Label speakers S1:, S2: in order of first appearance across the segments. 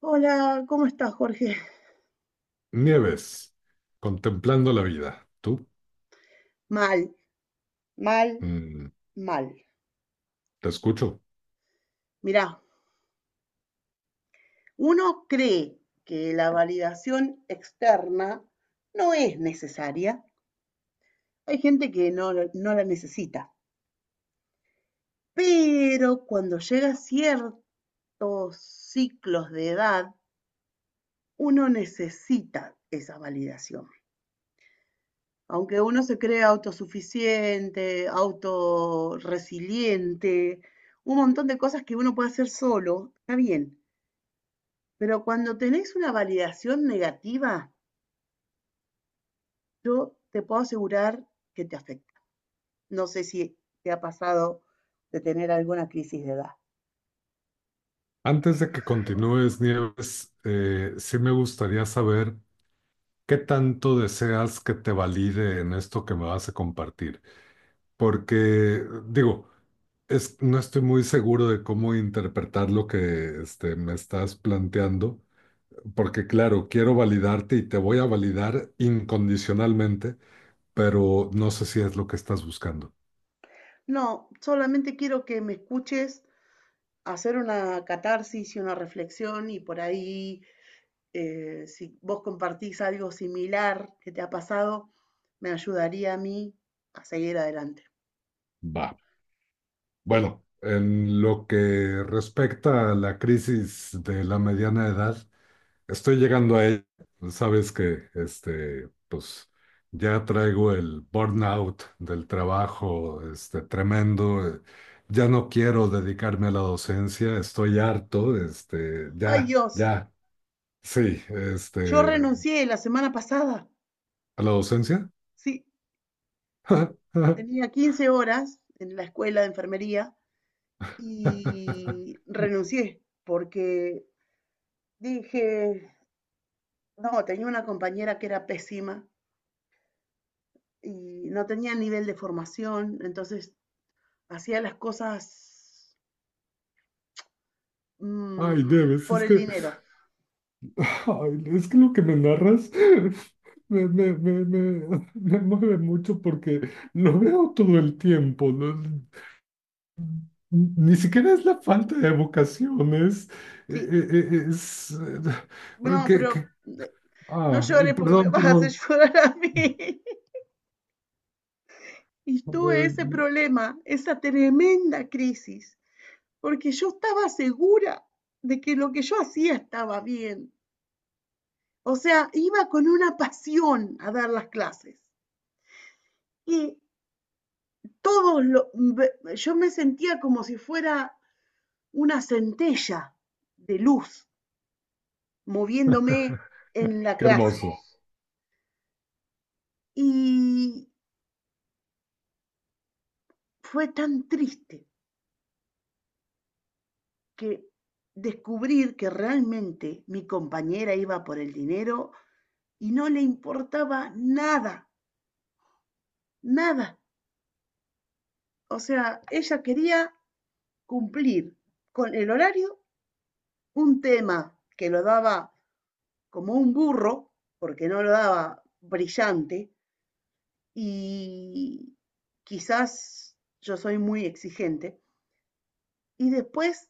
S1: Hola, ¿cómo estás, Jorge?
S2: Nieves, contemplando la vida. Tú,
S1: Mal, mal,
S2: mm,
S1: mal.
S2: te escucho.
S1: Mirá, uno cree que la validación externa no es necesaria. Hay gente que no, no la necesita. Pero cuando llega a ciertos ciclos de edad, uno necesita esa validación. Aunque uno se cree autosuficiente, autorresiliente, un montón de cosas que uno puede hacer solo, está bien. Pero cuando tenés una validación negativa, yo te puedo asegurar que te afecta. No sé si te ha pasado de tener alguna crisis de edad.
S2: Antes de que continúes, Nieves, sí me gustaría saber qué tanto deseas que te valide en esto que me vas a compartir. Porque, digo, no estoy muy seguro de cómo interpretar lo que me estás planteando, porque claro, quiero validarte y te voy a validar incondicionalmente, pero no sé si es lo que estás buscando.
S1: No, solamente quiero que me escuches hacer una catarsis y una reflexión y por ahí, si vos compartís algo similar que te ha pasado, me ayudaría a mí a seguir adelante.
S2: Va. Bueno, en lo que respecta a la crisis de la mediana edad, estoy llegando a ella. Sabes que, ya traigo el burnout del trabajo, tremendo. Ya no quiero dedicarme a la docencia, estoy harto,
S1: Ay
S2: ya,
S1: Dios,
S2: ya, sí,
S1: yo renuncié la semana pasada.
S2: a la docencia.
S1: Sí, tenía 15 horas en la escuela de enfermería. Y renuncié porque dije, no, tenía una compañera que era pésima y no tenía nivel de formación, entonces hacía las cosas
S2: Ay,
S1: mm,
S2: Debes,
S1: por
S2: es
S1: el
S2: que...
S1: dinero.
S2: Ay, es que lo que me narras me mueve mucho porque lo veo todo el tiempo, ¿no? Ni siquiera es la falta de vocación, es, e-
S1: Sí,
S2: e- e- es,
S1: no, pero
S2: que-
S1: eh, no
S2: ah,
S1: llores porque me
S2: perdón,
S1: vas a hacer
S2: perdón.
S1: llorar a mí. Y tuve ese
S2: Ay,
S1: problema, esa tremenda crisis, porque yo estaba segura de que lo que yo hacía estaba bien. O sea, iba con una pasión a dar las clases. Y todos, lo, yo me sentía como si fuera una centella de luz moviéndome en la
S2: qué
S1: clase.
S2: hermoso.
S1: Y fue tan triste que descubrir que realmente mi compañera iba por el dinero y no le importaba nada, nada. O sea, ella quería cumplir con el horario, un tema que lo daba como un burro, porque no lo daba brillante, y quizás yo soy muy exigente. Y después,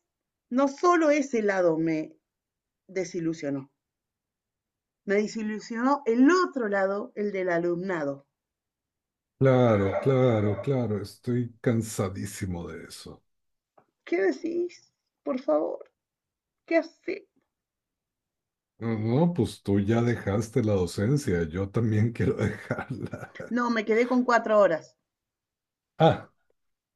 S1: no solo ese lado desilusionó, me desilusionó el otro lado, el del alumnado.
S2: Claro, claro, claro, estoy cansadísimo de eso.
S1: ¿Qué decís? Por favor, ¿qué hace?
S2: No, no, pues tú ya dejaste la docencia, yo también quiero dejarla.
S1: No, me quedé con 4 horas.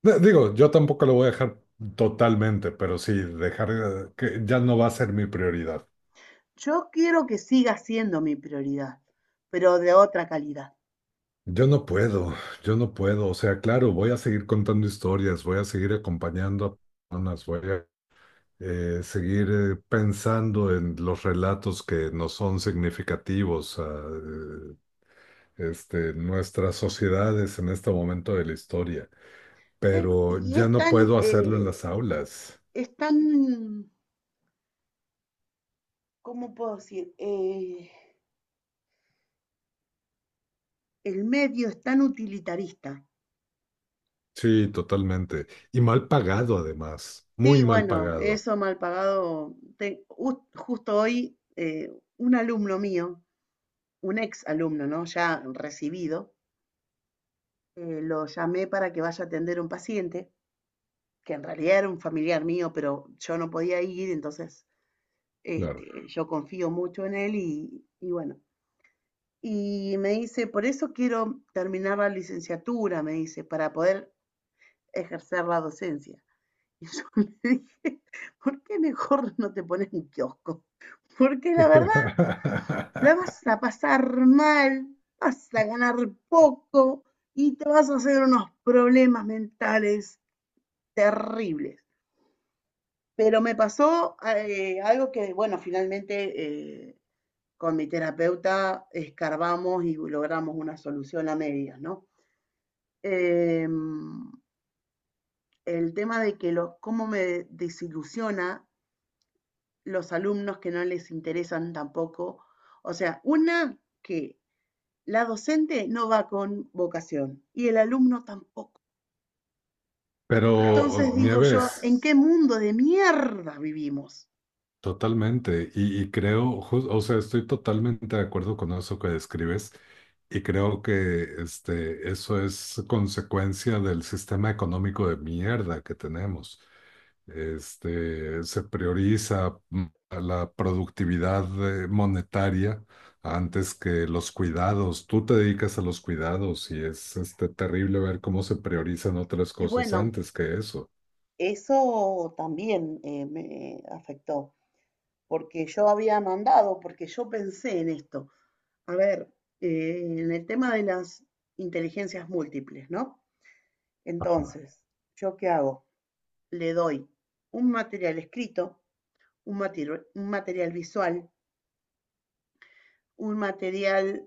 S2: Digo, yo tampoco lo voy a dejar totalmente, pero sí, dejar que ya no va a ser mi prioridad.
S1: Yo quiero que siga siendo mi prioridad, pero de otra calidad.
S2: Yo no puedo, yo no puedo. O sea, claro, voy a seguir contando historias, voy a seguir acompañando a personas, voy a seguir pensando en los relatos que nos son significativos a nuestras sociedades en este momento de la historia, pero
S1: Y
S2: ya
S1: es
S2: no
S1: tan,
S2: puedo hacerlo en las aulas.
S1: es tan, ¿cómo puedo decir? El medio es tan utilitarista.
S2: Sí, totalmente. Y mal pagado además,
S1: Sí,
S2: muy mal
S1: bueno,
S2: pagado,
S1: eso mal pagado. Justo hoy, un alumno mío, un ex alumno, ¿no? Ya recibido, lo llamé para que vaya a atender a un paciente, que en realidad era un familiar mío, pero yo no podía ir, entonces este,
S2: claro.
S1: yo confío mucho en él y bueno. Y me dice, por eso quiero terminar la licenciatura, me dice, para poder ejercer la docencia. Y yo le dije, ¿por qué mejor no te pones un kiosco? Porque la verdad, la vas a pasar mal, vas a ganar poco y te vas a hacer unos problemas mentales terribles. Pero me pasó algo que, bueno, finalmente eh, con mi terapeuta escarbamos y logramos una solución a medias, ¿no? Eh, el tema de que cómo me desilusiona los alumnos que no les interesan tampoco. O sea, una que la docente no va con vocación y el alumno tampoco.
S2: Pero
S1: Entonces digo yo,
S2: Nieves,
S1: ¿en qué mundo de mierda vivimos?
S2: totalmente. Y creo, o sea, estoy totalmente de acuerdo con eso que describes. Y creo que eso es consecuencia del sistema económico de mierda que tenemos. Se prioriza a la productividad monetaria antes que los cuidados. Tú te dedicas a los cuidados y es terrible ver cómo se priorizan otras
S1: Y
S2: cosas
S1: bueno,
S2: antes que eso.
S1: eso también me afectó, porque yo había mandado, porque yo pensé en esto. A ver, en el tema de las inteligencias múltiples, ¿no? Entonces, ¿yo qué hago? Le doy un material escrito, un material visual, un material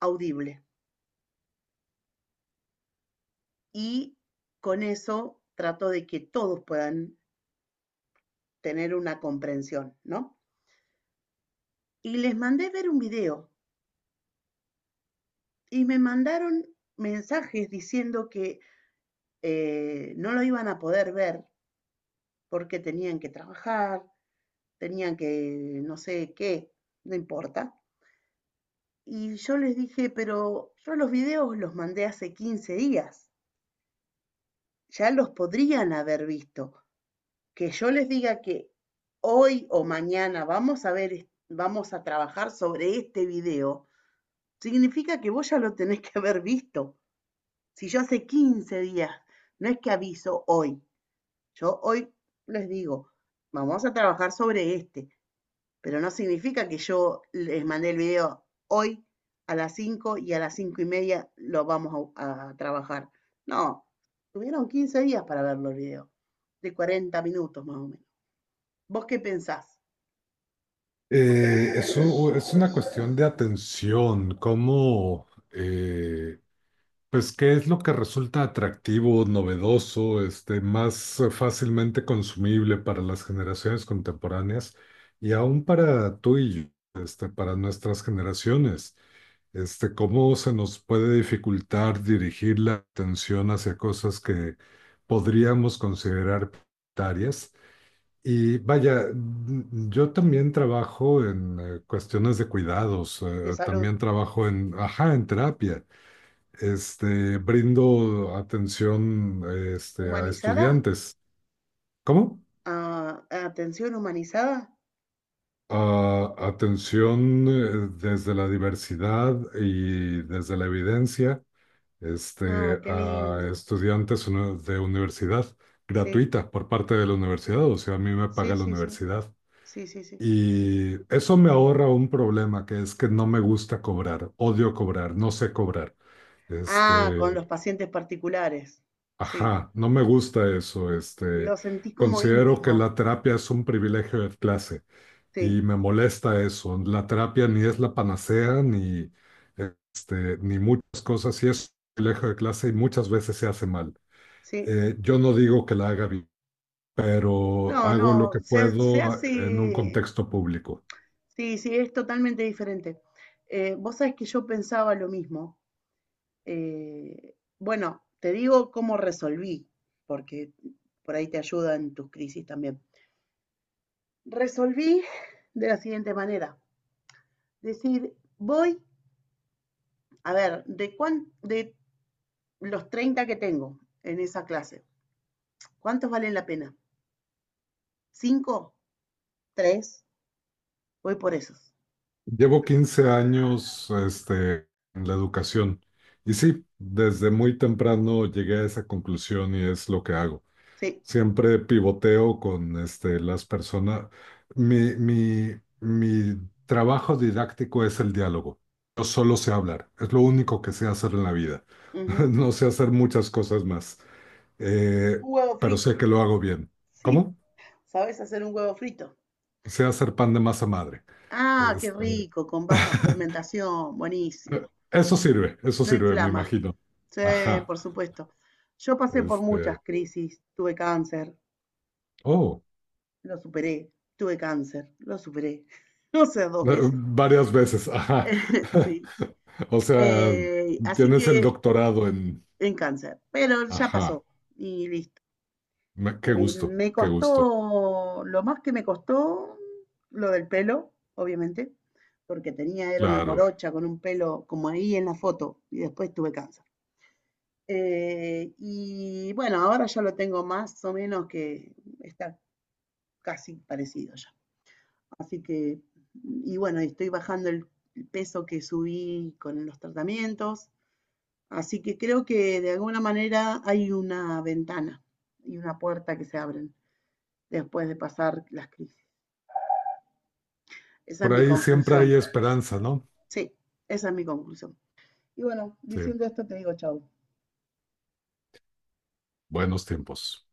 S1: audible. Y con eso trato de que todos puedan tener una comprensión, ¿no? Y les mandé ver un video y me mandaron mensajes diciendo que no lo iban a poder ver porque tenían que trabajar, tenían que no sé qué, no importa. Y yo les dije, pero yo los videos los mandé hace 15 días, ya los podrían haber visto. Que yo les diga que hoy o mañana vamos a ver, vamos a trabajar sobre este video, significa que vos ya lo tenés que haber visto. Si yo hace 15 días, no es que aviso hoy, yo hoy les digo, vamos a trabajar sobre este, pero no significa que yo les mandé el video hoy a las 5 y a las 5:30 lo vamos a trabajar. No, tuvieron 15 días para ver los videos, de 40 minutos más o menos. ¿Vos qué pensás?
S2: Eso es una cuestión de atención, cómo pues, ¿qué es lo que resulta atractivo, novedoso, más fácilmente consumible para las generaciones contemporáneas y aún para tú y yo, para nuestras generaciones? ¿Cómo se nos puede dificultar dirigir la atención hacia cosas que podríamos considerar prioritarias? Y vaya, mm, yo también trabajo en cuestiones de cuidados,
S1: De salud
S2: también trabajo en, ajá, en terapia. Brindo atención, a
S1: humanizada.
S2: estudiantes. ¿Cómo?
S1: Ah, atención humanizada.
S2: Atención, desde la diversidad y desde la evidencia,
S1: Ah, qué
S2: a
S1: lindo.
S2: estudiantes de universidad
S1: Sí,
S2: gratuita por parte de la universidad, o sea, a mí me paga
S1: sí,
S2: la
S1: sí, sí,
S2: universidad.
S1: sí, sí, sí.
S2: Y eso me ahorra un problema, que es que no me gusta cobrar, odio cobrar, no sé cobrar.
S1: Ah, con
S2: Este...
S1: los pacientes particulares. Sí,
S2: Ajá, no me gusta eso.
S1: lo sentí como
S2: Considero que
S1: íntimo.
S2: la terapia es un privilegio de clase
S1: Sí,
S2: y me molesta eso. La terapia ni es la panacea ni ni muchas cosas y es un privilegio de clase y muchas veces se hace mal.
S1: sí.
S2: Yo no digo que la haga bien, pero
S1: No,
S2: hago lo
S1: no,
S2: que
S1: se
S2: puedo en un
S1: hace,
S2: contexto público.
S1: sí, sí, es totalmente diferente. Vos sabés que yo pensaba lo mismo. Bueno, te digo cómo resolví, porque por ahí te ayuda en tus crisis también. Resolví de la siguiente manera. Decir, voy, a ver, de los 30 que tengo en esa clase, ¿cuántos valen la pena? ¿Cinco? ¿Tres? Voy por esos.
S2: Llevo 15 años en la educación y sí, desde muy temprano llegué a esa conclusión y es lo que hago.
S1: Sí.
S2: Siempre pivoteo con las personas. Mi trabajo didáctico es el diálogo. Yo solo sé hablar. Es lo único que sé hacer en la vida.
S1: Uh -huh.
S2: No sé hacer muchas cosas más. Eh,
S1: Un huevo
S2: pero
S1: frito.
S2: sé que lo hago bien.
S1: Sí.
S2: ¿Cómo?
S1: ¿Sabes hacer un huevo frito?
S2: Sé hacer pan de masa madre.
S1: Ah, qué
S2: Este,
S1: rico, con baja fermentación. Buenísimo.
S2: Eso sirve, eso
S1: No
S2: sirve, me
S1: inflama.
S2: imagino.
S1: Sí,
S2: Ajá.
S1: por supuesto. Yo pasé por muchas
S2: Este,
S1: crisis. Tuve cáncer,
S2: oh,
S1: lo superé. Tuve cáncer, lo superé. No sé, dos veces.
S2: varias veces. Ajá.
S1: Sí.
S2: O sea,
S1: Así
S2: tienes el
S1: que
S2: doctorado en...
S1: en cáncer, pero ya
S2: Ajá,
S1: pasó y listo.
S2: Qué gusto,
S1: Me
S2: qué gusto.
S1: costó, lo más que me costó, lo del pelo, obviamente, porque tenía, era una
S2: Claro,
S1: morocha con un pelo como ahí en la foto y después tuve cáncer. Y bueno, ahora ya lo tengo más o menos, que está casi parecido ya. Así que, y bueno, y estoy bajando el peso que subí con los tratamientos. Así que creo que de alguna manera hay una ventana y una puerta que se abren después de pasar las crisis. Esa es
S2: por
S1: mi
S2: ahí siempre
S1: conclusión.
S2: hay esperanza, ¿no?
S1: Sí, esa es mi conclusión. Y bueno,
S2: Sí,
S1: diciendo esto te digo chau.
S2: buenos tiempos.